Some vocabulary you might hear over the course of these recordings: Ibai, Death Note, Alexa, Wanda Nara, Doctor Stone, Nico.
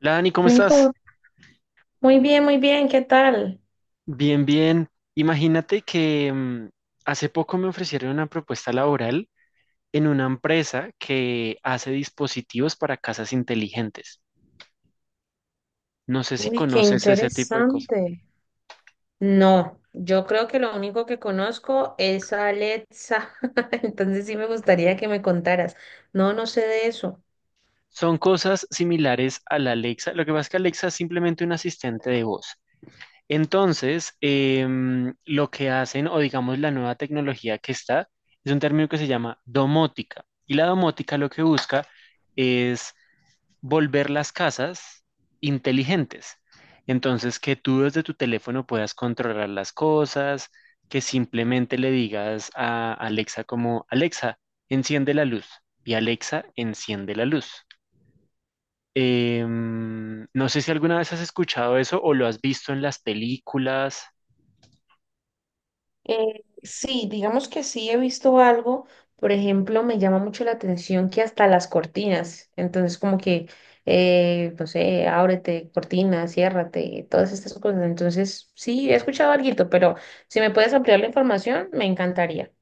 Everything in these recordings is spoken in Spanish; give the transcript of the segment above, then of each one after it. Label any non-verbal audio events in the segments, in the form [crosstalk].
Hola Dani, ¿cómo estás? Nico, muy bien, ¿qué tal? Bien, bien. Imagínate que hace poco me ofrecieron una propuesta laboral en una empresa que hace dispositivos para casas inteligentes. No sé si Uy, qué conoces ese tipo de cosas. interesante. No, yo creo que lo único que conozco es a Alexa, [laughs] entonces sí me gustaría que me contaras. No, no sé de eso. Son cosas similares a la Alexa. Lo que pasa es que Alexa es simplemente un asistente de voz. Entonces, lo que hacen, o digamos la nueva tecnología que está, es un término que se llama domótica. Y la domótica lo que busca es volver las casas inteligentes. Entonces, que tú desde tu teléfono puedas controlar las cosas, que simplemente le digas a Alexa como, Alexa, enciende la luz. Y Alexa, enciende la luz. No sé si alguna vez has escuchado eso o lo has visto en las películas. Sí, digamos que sí he visto algo, por ejemplo, me llama mucho la atención que hasta las cortinas, entonces como que, no sé, ábrete, cortina, ciérrate, todas estas cosas. Entonces sí, he escuchado algo, pero si me puedes ampliar la información, me encantaría.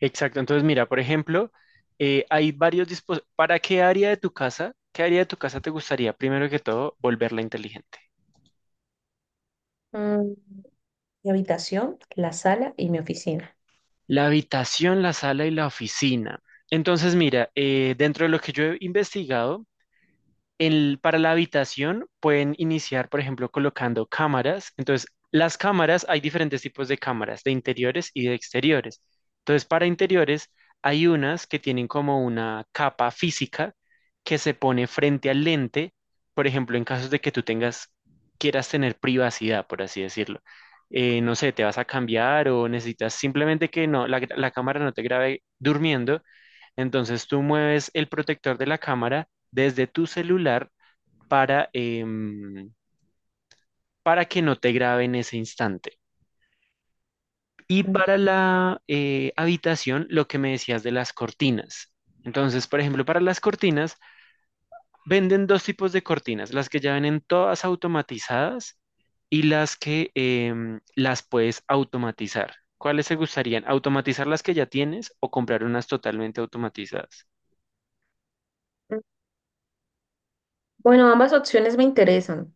Exacto. Entonces, mira, por ejemplo, hay varios dispositivos. ¿Para qué área de tu casa? ¿Qué área de tu casa te gustaría, primero que todo, volverla inteligente? Mm, mi habitación, la sala y mi oficina. La habitación, la sala y la oficina. Entonces, mira, dentro de lo que yo he investigado, para la habitación pueden iniciar, por ejemplo, colocando cámaras. Entonces, las cámaras, hay diferentes tipos de cámaras, de interiores y de exteriores. Entonces, para interiores, hay unas que tienen como una capa física que se pone frente al lente, por ejemplo, en casos de que tú tengas, quieras tener privacidad, por así decirlo. No sé, te vas a cambiar o necesitas simplemente que no, la cámara no te grabe durmiendo. Entonces tú mueves el protector de la cámara desde tu celular para, em, para que no te grabe en ese instante. Y Mm, para la habitación, lo que me decías de las cortinas. Entonces, por ejemplo, para las cortinas, venden dos tipos de cortinas, las que ya vienen todas automatizadas y las que las puedes automatizar. ¿Cuáles te gustarían? ¿Automatizar las que ya tienes o comprar unas totalmente automatizadas? bueno, ambas opciones me interesan.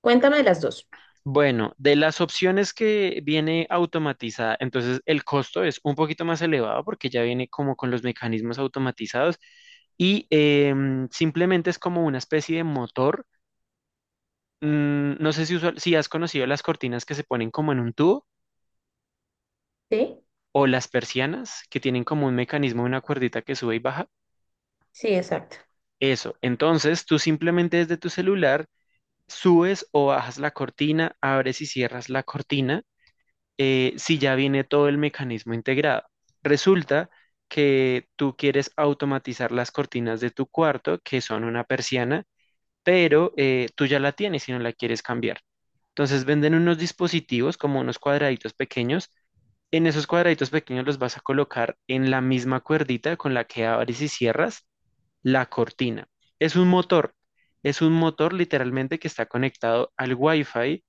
Cuéntame de las dos. Bueno, de las opciones que viene automatizada, entonces el costo es un poquito más elevado porque ya viene como con los mecanismos automatizados y simplemente es como una especie de motor. No sé si, si has conocido las cortinas que se ponen como en un tubo ¿Sí? o las persianas que tienen como un mecanismo, una cuerdita que sube y baja. Sí, exacto. Eso, entonces tú simplemente desde tu celular subes o bajas la cortina, abres y cierras la cortina si ya viene todo el mecanismo integrado. Resulta que tú quieres automatizar las cortinas de tu cuarto, que son una persiana, pero tú ya la tienes y no la quieres cambiar. Entonces venden unos dispositivos como unos cuadraditos pequeños. En esos cuadraditos pequeños los vas a colocar en la misma cuerdita con la que abres y cierras la cortina. Es un motor, es un motor literalmente que está conectado al Wi-Fi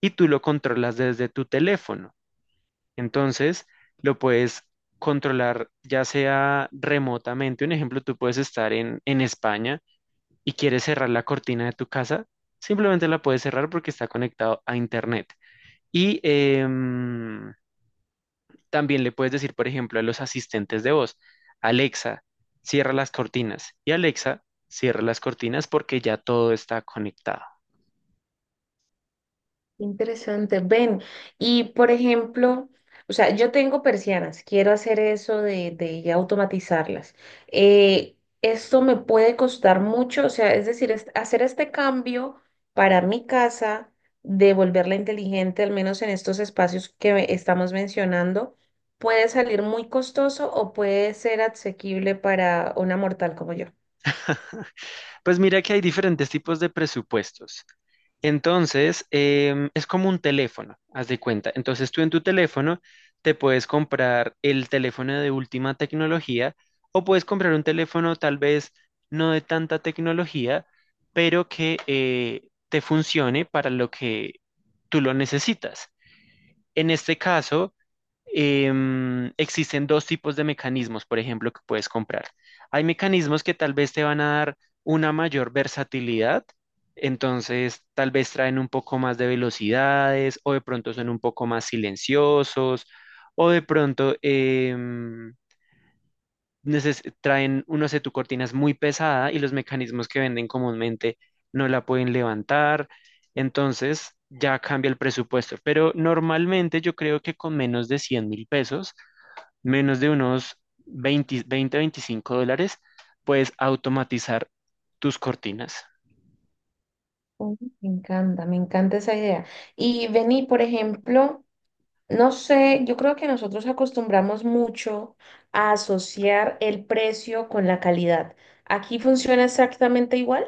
y tú lo controlas desde tu teléfono. Entonces, lo puedes controlar ya sea remotamente. Un ejemplo, tú puedes estar en España y quieres cerrar la cortina de tu casa. Simplemente la puedes cerrar porque está conectado a Internet. Y em, también le puedes decir, por ejemplo, a los asistentes de voz, Alexa, cierra las cortinas. Y Alexa, cierra las cortinas porque ya todo está conectado. Interesante, ven. Y por ejemplo, o sea, yo tengo persianas, quiero hacer eso de, ya automatizarlas. Eh, esto me puede costar mucho, o sea, es decir, hacer este cambio para mi casa, de volverla inteligente, al menos en estos espacios que estamos mencionando, puede salir muy costoso o puede ser asequible para una mortal como yo. Pues mira que hay diferentes tipos de presupuestos. Entonces, es como un teléfono, haz de cuenta. Entonces, tú en tu teléfono te puedes comprar el teléfono de última tecnología o puedes comprar un teléfono tal vez no de tanta tecnología, pero que te funcione para lo que tú lo necesitas. En este caso, existen dos tipos de mecanismos, por ejemplo, que puedes comprar. Hay mecanismos que tal vez te van a dar una mayor versatilidad, entonces tal vez traen un poco más de velocidades o de pronto son un poco más silenciosos o de pronto traen, uno sé, tu cortina es muy pesada y los mecanismos que venden comúnmente no la pueden levantar, entonces ya cambia el presupuesto, pero normalmente yo creo que con menos de 100.000 pesos menos de unos 20, 20, $25, puedes automatizar tus cortinas. Oh, me encanta, me encanta esa idea. Y vení, por ejemplo, no sé, yo creo que nosotros acostumbramos mucho a asociar el precio con la calidad. ¿Aquí funciona exactamente igual?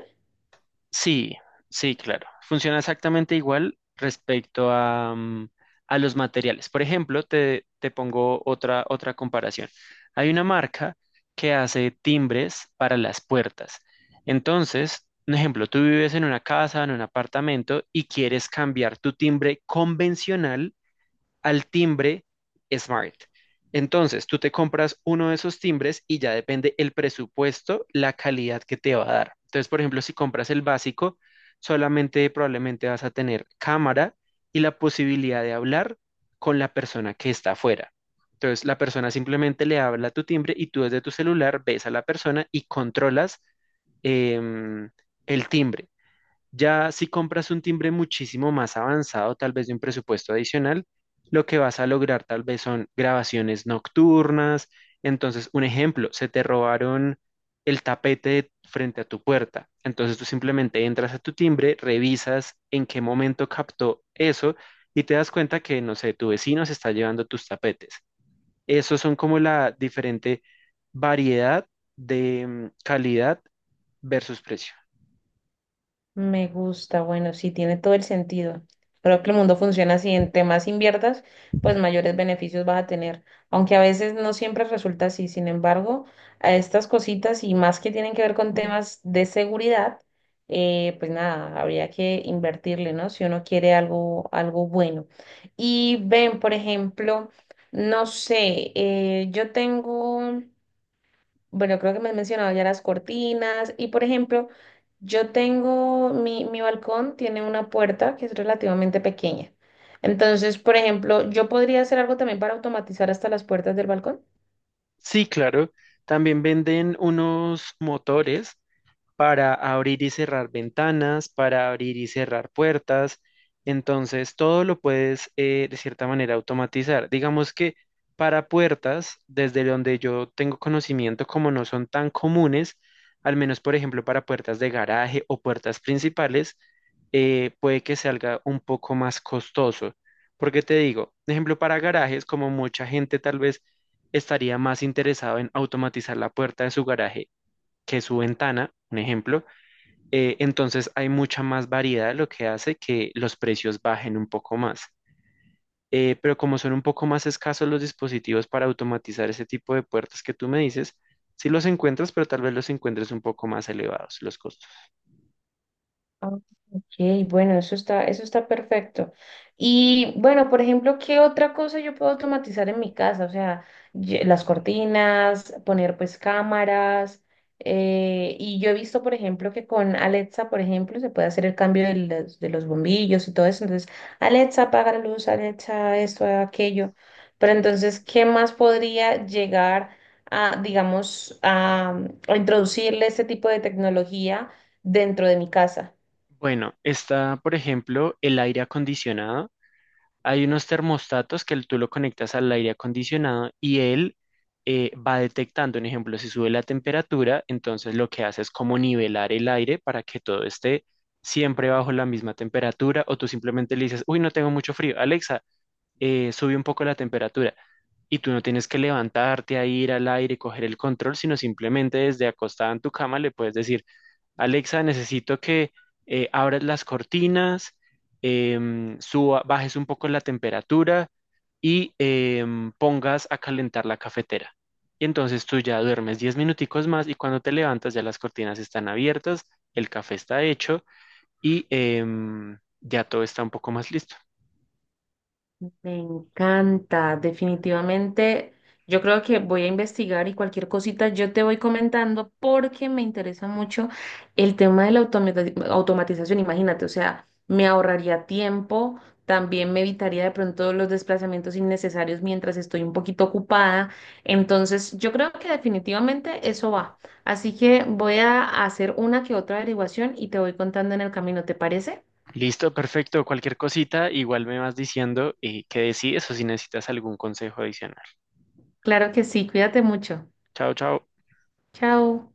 Sí, sí, claro. Funciona exactamente igual respecto a los materiales. Por ejemplo, te pongo otra comparación. Hay una marca que hace timbres para las puertas. Entonces, un ejemplo, tú vives en una casa, en un apartamento y quieres cambiar tu timbre convencional al timbre Smart. Entonces, tú te compras uno de esos timbres y ya depende el presupuesto, la calidad que te va a dar. Entonces, por ejemplo, si compras el básico, solamente probablemente vas a tener cámara y la posibilidad de hablar con la persona que está afuera. Entonces, la persona simplemente le habla a tu timbre y tú desde tu celular ves a la persona y controlas em, el timbre. Ya si compras un timbre muchísimo más avanzado, tal vez de un presupuesto adicional, lo que vas a lograr tal vez son grabaciones nocturnas. Entonces, un ejemplo, se te robaron el tapete frente a tu puerta. Entonces tú simplemente entras a tu timbre, revisas en qué momento captó eso y te das cuenta que, no sé, tu vecino se está llevando tus tapetes. Esos son como la diferente variedad de calidad versus precio. Me gusta, bueno, sí, tiene todo el sentido. Creo que el mundo funciona así, entre más inviertas, pues mayores beneficios vas a tener, aunque a veces no siempre resulta así. Sin embargo, a estas cositas y más que tienen que ver con temas de seguridad, pues nada, habría que invertirle, ¿no? Si uno quiere algo, algo bueno. Y ven, por ejemplo, no sé, yo tengo, bueno, creo que me has mencionado ya las cortinas y, por ejemplo, yo tengo, mi balcón tiene una puerta que es relativamente pequeña. Entonces, por ejemplo, yo podría hacer algo también para automatizar hasta las puertas del balcón. Sí, claro. También venden unos motores para abrir y cerrar ventanas, para abrir y cerrar puertas. Entonces, todo lo puedes de cierta manera automatizar. Digamos que para puertas, desde donde yo tengo conocimiento, como no son tan comunes, al menos por ejemplo para puertas de garaje o puertas principales, puede que salga un poco más costoso. Porque te digo, por ejemplo para garajes, como mucha gente tal vez estaría más interesado en automatizar la puerta de su garaje que su ventana, un ejemplo, entonces hay mucha más variedad, lo que hace que los precios bajen un poco más. Pero como son un poco más escasos los dispositivos para automatizar ese tipo de puertas que tú me dices, sí los encuentras, pero tal vez los encuentres un poco más elevados los costos. Ah, ok, bueno, eso está perfecto. Y bueno, por ejemplo, ¿qué otra cosa yo puedo automatizar en mi casa? O sea, las cortinas, poner pues cámaras. Y yo he visto, por ejemplo, que con Alexa, por ejemplo, se puede hacer el cambio de los bombillos y todo eso. Entonces, Alexa, apaga la luz, Alexa, esto, aquello. Pero entonces, ¿qué más podría llegar a, digamos, a introducirle este tipo de tecnología dentro de mi casa? Bueno, está, por ejemplo, el aire acondicionado. Hay unos termostatos que tú lo conectas al aire acondicionado y él va detectando, un ejemplo, si sube la temperatura, entonces lo que hace es como nivelar el aire para que todo esté siempre bajo la misma temperatura o tú simplemente le dices, uy, no tengo mucho frío, Alexa, sube un poco la temperatura y tú no tienes que levantarte a ir al aire, y coger el control, sino simplemente desde acostada en tu cama le puedes decir, Alexa, necesito que abras las cortinas, bajes un poco la temperatura y pongas a calentar la cafetera. Y entonces tú ya duermes 10 minuticos más y cuando te levantas ya las cortinas están abiertas, el café está hecho y ya todo está un poco más listo. Me encanta, definitivamente. Yo creo que voy a investigar y cualquier cosita yo te voy comentando porque me interesa mucho el tema de la automatización. Imagínate, o sea, me ahorraría tiempo, también me evitaría de pronto los desplazamientos innecesarios mientras estoy un poquito ocupada. Entonces, yo creo que definitivamente eso va. Así que voy a hacer una que otra averiguación y te voy contando en el camino, ¿te parece? Listo, perfecto. Cualquier cosita, igual me vas diciendo qué decides o si necesitas algún consejo adicional. Claro que sí, cuídate mucho. Chao, chao. Chao.